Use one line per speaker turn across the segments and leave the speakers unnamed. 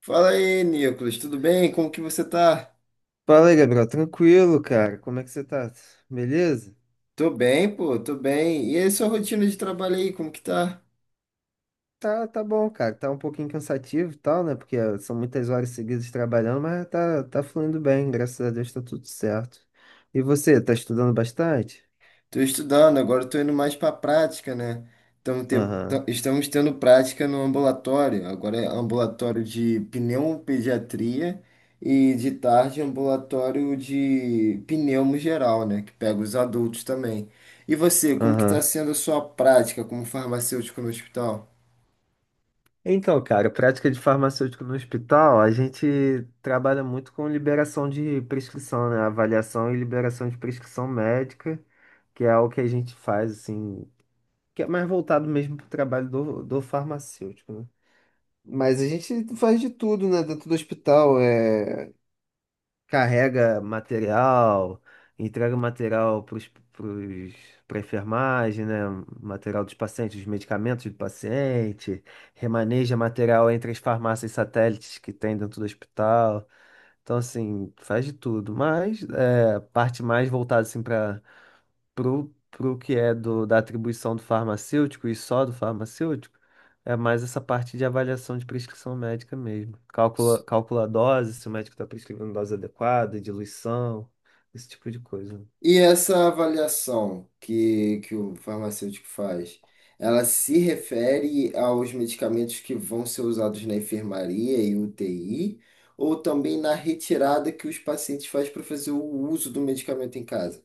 Fala aí, Nicolas, tudo bem? Como que você tá?
Fala aí, Gabriel. Tranquilo, cara. Como é que você tá? Beleza?
Tô bem, pô, tô bem. E aí, sua rotina de trabalho aí, como que tá?
Tá, tá bom, cara. Tá um pouquinho cansativo e tal, né? Porque são muitas horas seguidas trabalhando, mas tá fluindo bem. Graças a Deus tá tudo certo. E você, tá estudando bastante?
Tô estudando, agora tô indo mais pra prática, né? Estamos, te-
Aham,
ta- estamos tendo prática no ambulatório, agora é ambulatório de pneumopediatria e de tarde ambulatório de pneumo geral, né? Que pega os adultos também. E você, como que tá
aham.
sendo a sua prática como farmacêutico no hospital?
Então, cara, prática de farmacêutico no hospital, a gente trabalha muito com liberação de prescrição, né? Avaliação e liberação de prescrição médica, que é o que a gente faz, assim, que é mais voltado mesmo pro trabalho do farmacêutico, né? Mas a gente faz de tudo, né? Dentro do hospital, carrega material, entrega material para enfermagem, né? Material dos pacientes, os medicamentos do paciente, remaneja material entre as farmácias satélites que tem dentro do hospital. Então, assim, faz de tudo. Mas é, parte mais voltada assim, pro que é do, da atribuição do farmacêutico e só do farmacêutico, é mais essa parte de avaliação de prescrição médica mesmo. Calcula, calcula a dose, se o médico está prescrevendo dose adequada, diluição, esse tipo de coisa.
E essa avaliação que o farmacêutico faz, ela se refere aos medicamentos que vão ser usados na enfermaria e UTI, ou também na retirada que os pacientes fazem para fazer o uso do medicamento em casa?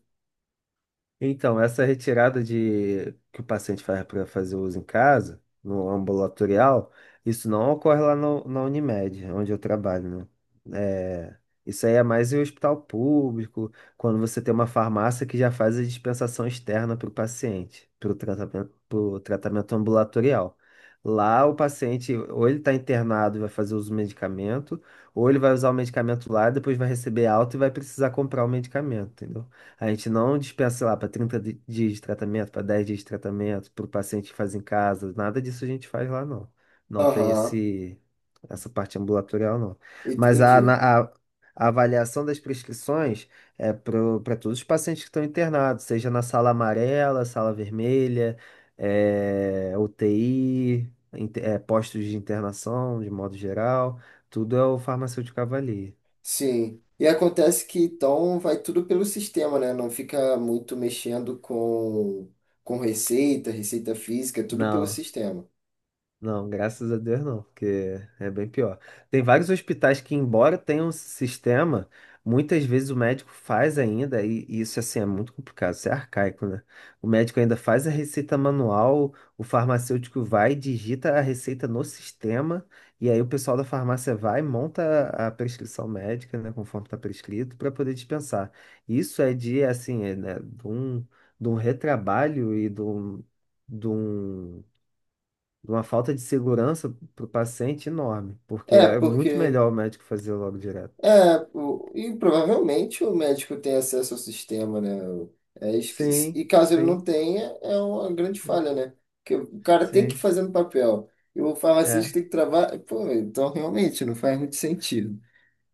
Então, essa retirada de que o paciente faz para fazer uso em casa, no ambulatorial, isso não ocorre lá no, na Unimed, onde eu trabalho, né? É, isso aí é mais em hospital público, quando você tem uma farmácia que já faz a dispensação externa para o paciente, para o tratamento, pro tratamento ambulatorial. Lá o paciente, ou ele está internado e vai fazer uso do medicamento, ou ele vai usar o medicamento lá, depois vai receber alta e vai precisar comprar o medicamento, entendeu? A gente não dispensa, sei lá, para 30 dias de tratamento, para 10 dias de tratamento, para o paciente que faz em casa, nada disso a gente faz lá, não. Não tem
Aham,
esse, essa parte ambulatorial, não. Mas
entendi.
a avaliação das prescrições é para todos os pacientes que estão internados, seja na sala amarela, sala vermelha, UTI, postos de internação, de modo geral, tudo é o farmacêutico avalia.
Sim. E acontece que então vai tudo pelo sistema, né? Não fica muito mexendo com receita, receita física, é tudo pelo
Não.
sistema.
Não, graças a Deus não, porque é bem pior. Tem vários hospitais que, embora tenham um sistema, muitas vezes o médico faz ainda, e isso assim é muito complicado, isso é arcaico, né? O médico ainda faz a receita manual, o farmacêutico vai, e digita a receita no sistema, e aí o pessoal da farmácia vai, e monta a prescrição médica, né, conforme está prescrito, para poder dispensar. Isso é de, assim, é, né, de um retrabalho e de um. De um de uma falta de segurança para o paciente enorme, porque
É,
é muito
porque.
melhor o médico fazer logo direto.
É, e provavelmente o médico tem acesso ao sistema, né? É esqui-
Sim,
e caso ele
sim,
não tenha, é uma grande falha, né? Porque o cara tem que
sim.
fazer no papel. E o farmacêutico
É.
tem que trabalhar. Pô, então realmente não faz muito sentido.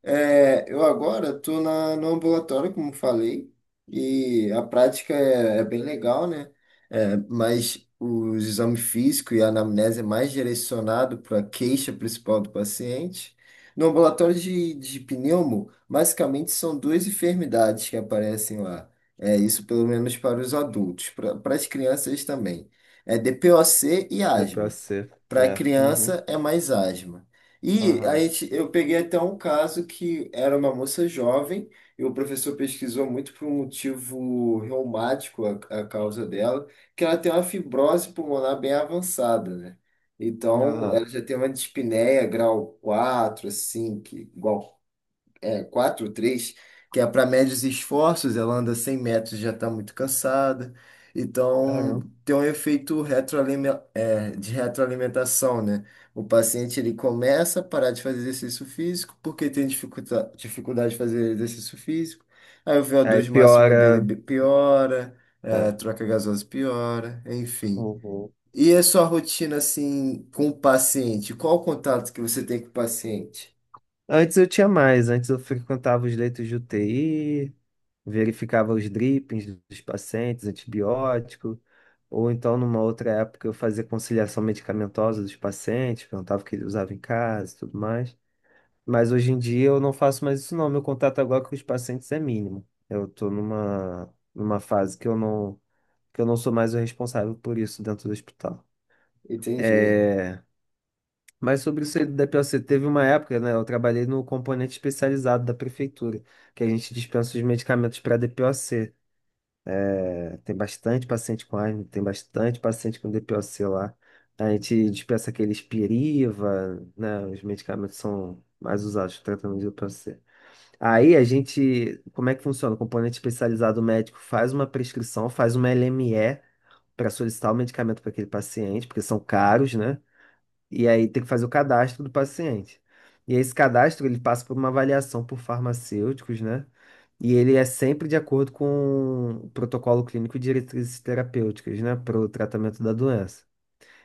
É, eu agora estou no ambulatório, como falei, e a prática é bem legal, né? É, mas os exames físicos e a anamnese é mais direcionado para a queixa principal do paciente. No ambulatório de pneumo, basicamente são duas enfermidades que aparecem lá. É isso pelo menos para os adultos, para as crianças também. É DPOC e asma.
DPOC.
Para
É. Uhum.
criança é mais asma. E a
Aham,
gente, eu peguei até um caso que era uma moça jovem e o professor pesquisou muito por um motivo reumático a causa dela, que ela tem uma fibrose pulmonar bem avançada, né? Então,
aham.
ela já tem uma dispneia grau 4 assim, que igual 4 três que é para médios esforços, ela anda 100 metros e já está muito cansada. Então,
Caramba.
tem um efeito de retroalimentação, né? O paciente ele começa a parar de fazer exercício físico porque tem dificuldade de fazer exercício físico. Aí o vo
Aí
dois máximo dele
piora,
piora, é,
é,
a troca gasosa piora, enfim.
uhum.
E a sua rotina assim com o paciente? Qual o contato que você tem com o paciente?
Antes eu frequentava os leitos de UTI, verificava os drippings dos pacientes, antibiótico, ou então numa outra época eu fazia conciliação medicamentosa dos pacientes, perguntava o que ele usava em casa e tudo mais. Mas hoje em dia eu não faço mais isso, não. Meu contato agora com os pacientes é mínimo. Eu estou numa, fase que eu não sou mais o responsável por isso dentro do hospital.
Entendi.
É, mas sobre isso aí do DPOC, teve uma época, né? Eu trabalhei no componente especializado da prefeitura, que a gente dispensa os medicamentos para DPOC. É, tem bastante paciente com asma, tem bastante paciente com DPOC lá. A gente dispensa aqueles Piriva, né? Os medicamentos são mais usados para tratamento de DPOC. Aí a gente, como é que funciona? O componente especializado médico faz uma prescrição, faz uma LME para solicitar o medicamento para aquele paciente, porque são caros, né? E aí tem que fazer o cadastro do paciente. E esse cadastro ele passa por uma avaliação por farmacêuticos, né? E ele é sempre de acordo com o protocolo clínico e diretrizes terapêuticas, né, para o tratamento da doença.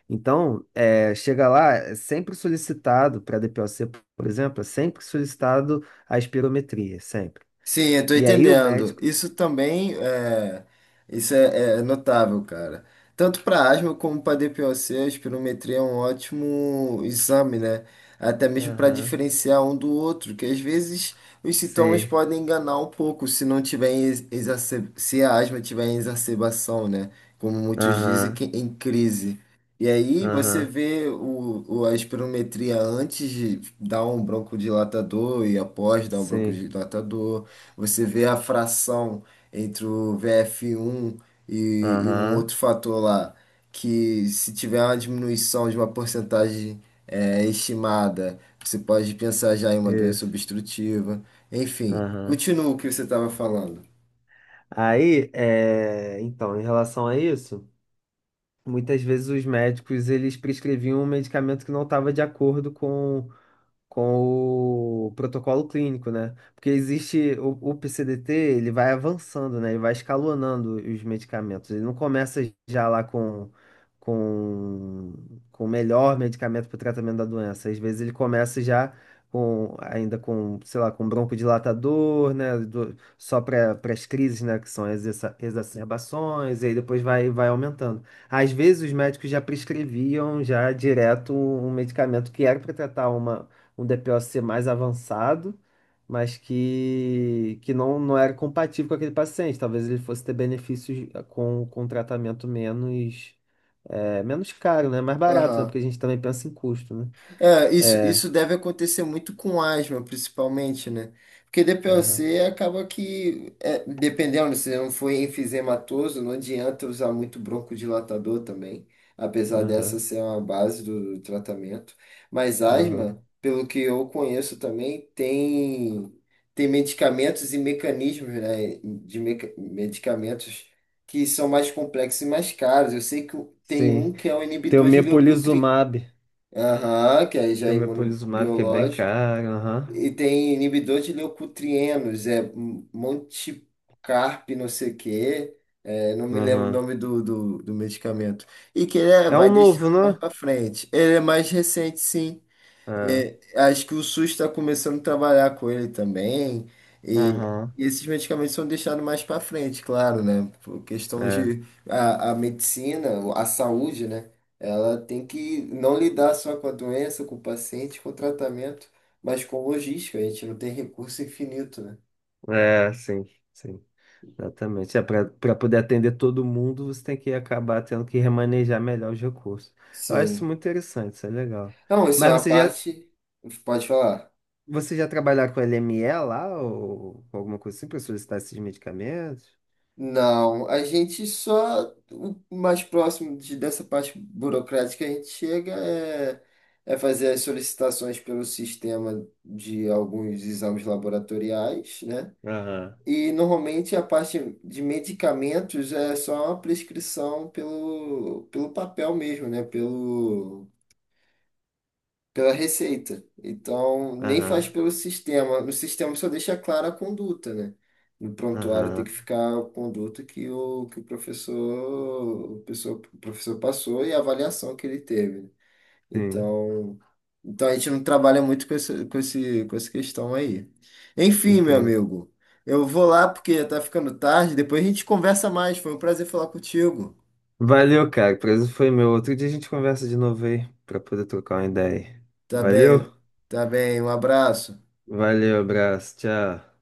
Então, chega lá, é sempre solicitado para a DPOC, por exemplo, é sempre solicitado a espirometria, sempre.
Sim, eu tô
E aí o
entendendo.
médico.
Isso é notável, cara. Tanto para asma como para DPOC, a espirometria é um ótimo exame, né? Até mesmo para
Aham.
diferenciar um do outro, que às vezes os sintomas
Sim.
podem enganar um pouco se não tiver se a asma tiver em exacerbação, né? Como muitos dizem, que
Aham.
em crise. E aí você
Aham.
vê a espirometria antes de dar um broncodilatador e após dar um
Sim.
broncodilatador. Você vê a fração entre o VF1 e um outro
Aham.
fator lá, que se tiver uma diminuição de uma porcentagem estimada, você pode pensar já em uma doença
Isso.
obstrutiva. Enfim,
Aham.
continua o que você estava falando.
Aí, então, em relação a isso, muitas vezes os médicos eles prescreviam um medicamento que não estava de acordo com o protocolo clínico, né? Porque existe o PCDT, ele vai avançando, né? Ele vai escalonando os medicamentos. Ele não começa já lá com com o melhor medicamento para o tratamento da doença. Às vezes ele começa já com ainda com, sei lá, com broncodilatador, né? Só para as crises, né? Que são as exacerbações. E aí depois vai aumentando. Às vezes os médicos já prescreviam já direto um medicamento que era para tratar uma, um DPoC mais avançado, mas que não era compatível com aquele paciente. Talvez ele fosse ter benefícios com um tratamento menos caro, né? Mais barato, né?
Aham.
Porque a gente também pensa em custo, né?
É, isso,
É.
isso deve acontecer muito com asma, principalmente, né? Porque
Aham,
DPOC acaba que, dependendo, se não for enfisematoso, não adianta usar muito broncodilatador também, apesar dessa
aham,
ser uma base do tratamento. Mas
aham.
asma, pelo que eu conheço também, tem medicamentos e mecanismos, né, de medicamentos que são mais complexos e mais caros. Eu sei que tem um
Sim.
que é o
Tem o
inibidor de leucotrienina.
Mepolizumab.
Aham, que aí já
Tem
é
o Mepolizumab que é bem
imunobiológico.
caro. Aham,
E tem inibidor de leucotrienos, é Monticarp, não sei o quê. É, não me lembro o
aham.
nome do medicamento. E que ele
É
vai
um novo,
deixando mais
né?
pra frente. Ele é mais recente, sim.
É,
É, acho que o SUS está começando a trabalhar com ele também. E,
aham.
e esses medicamentos são deixados mais para frente, claro, né? Por questão
É,
de a medicina, a saúde, né? Ela tem que não lidar só com a doença, com o paciente, com o tratamento, mas com logística. A gente não tem recurso infinito, né?
é, sim, sim. Exatamente. É, para poder atender todo mundo, você tem que acabar tendo que remanejar melhor os recursos. Eu acho isso
Sim.
muito interessante, isso é legal.
Não, isso é
Mas
uma
você já,
parte. Pode falar.
você já trabalhar com LME lá, ou com alguma coisa assim, para solicitar esses medicamentos?
Não, a gente só. O mais próximo dessa parte burocrática que a gente chega é fazer as solicitações pelo sistema de alguns exames laboratoriais, né?
Aham.
E normalmente a parte de medicamentos é só uma prescrição pelo papel mesmo, né? Pelo pela receita. Então, nem faz
Aham,
pelo sistema. No sistema só deixa clara a conduta, né? No prontuário tem que
aham.
ficar a conduta que o professor, o professor passou e a avaliação que ele teve. Né?
Sim,
Então, então a gente não trabalha muito com essa questão aí. Enfim, meu
entendi.
amigo, eu vou lá porque já tá ficando tarde, depois a gente conversa mais. Foi um prazer falar contigo.
Valeu, cara. O prazer foi meu. Outro dia a gente conversa de novo aí, para poder trocar uma ideia aí.
Tá
Valeu?
bem, tá bem, um abraço.
Valeu, abraço, tchau.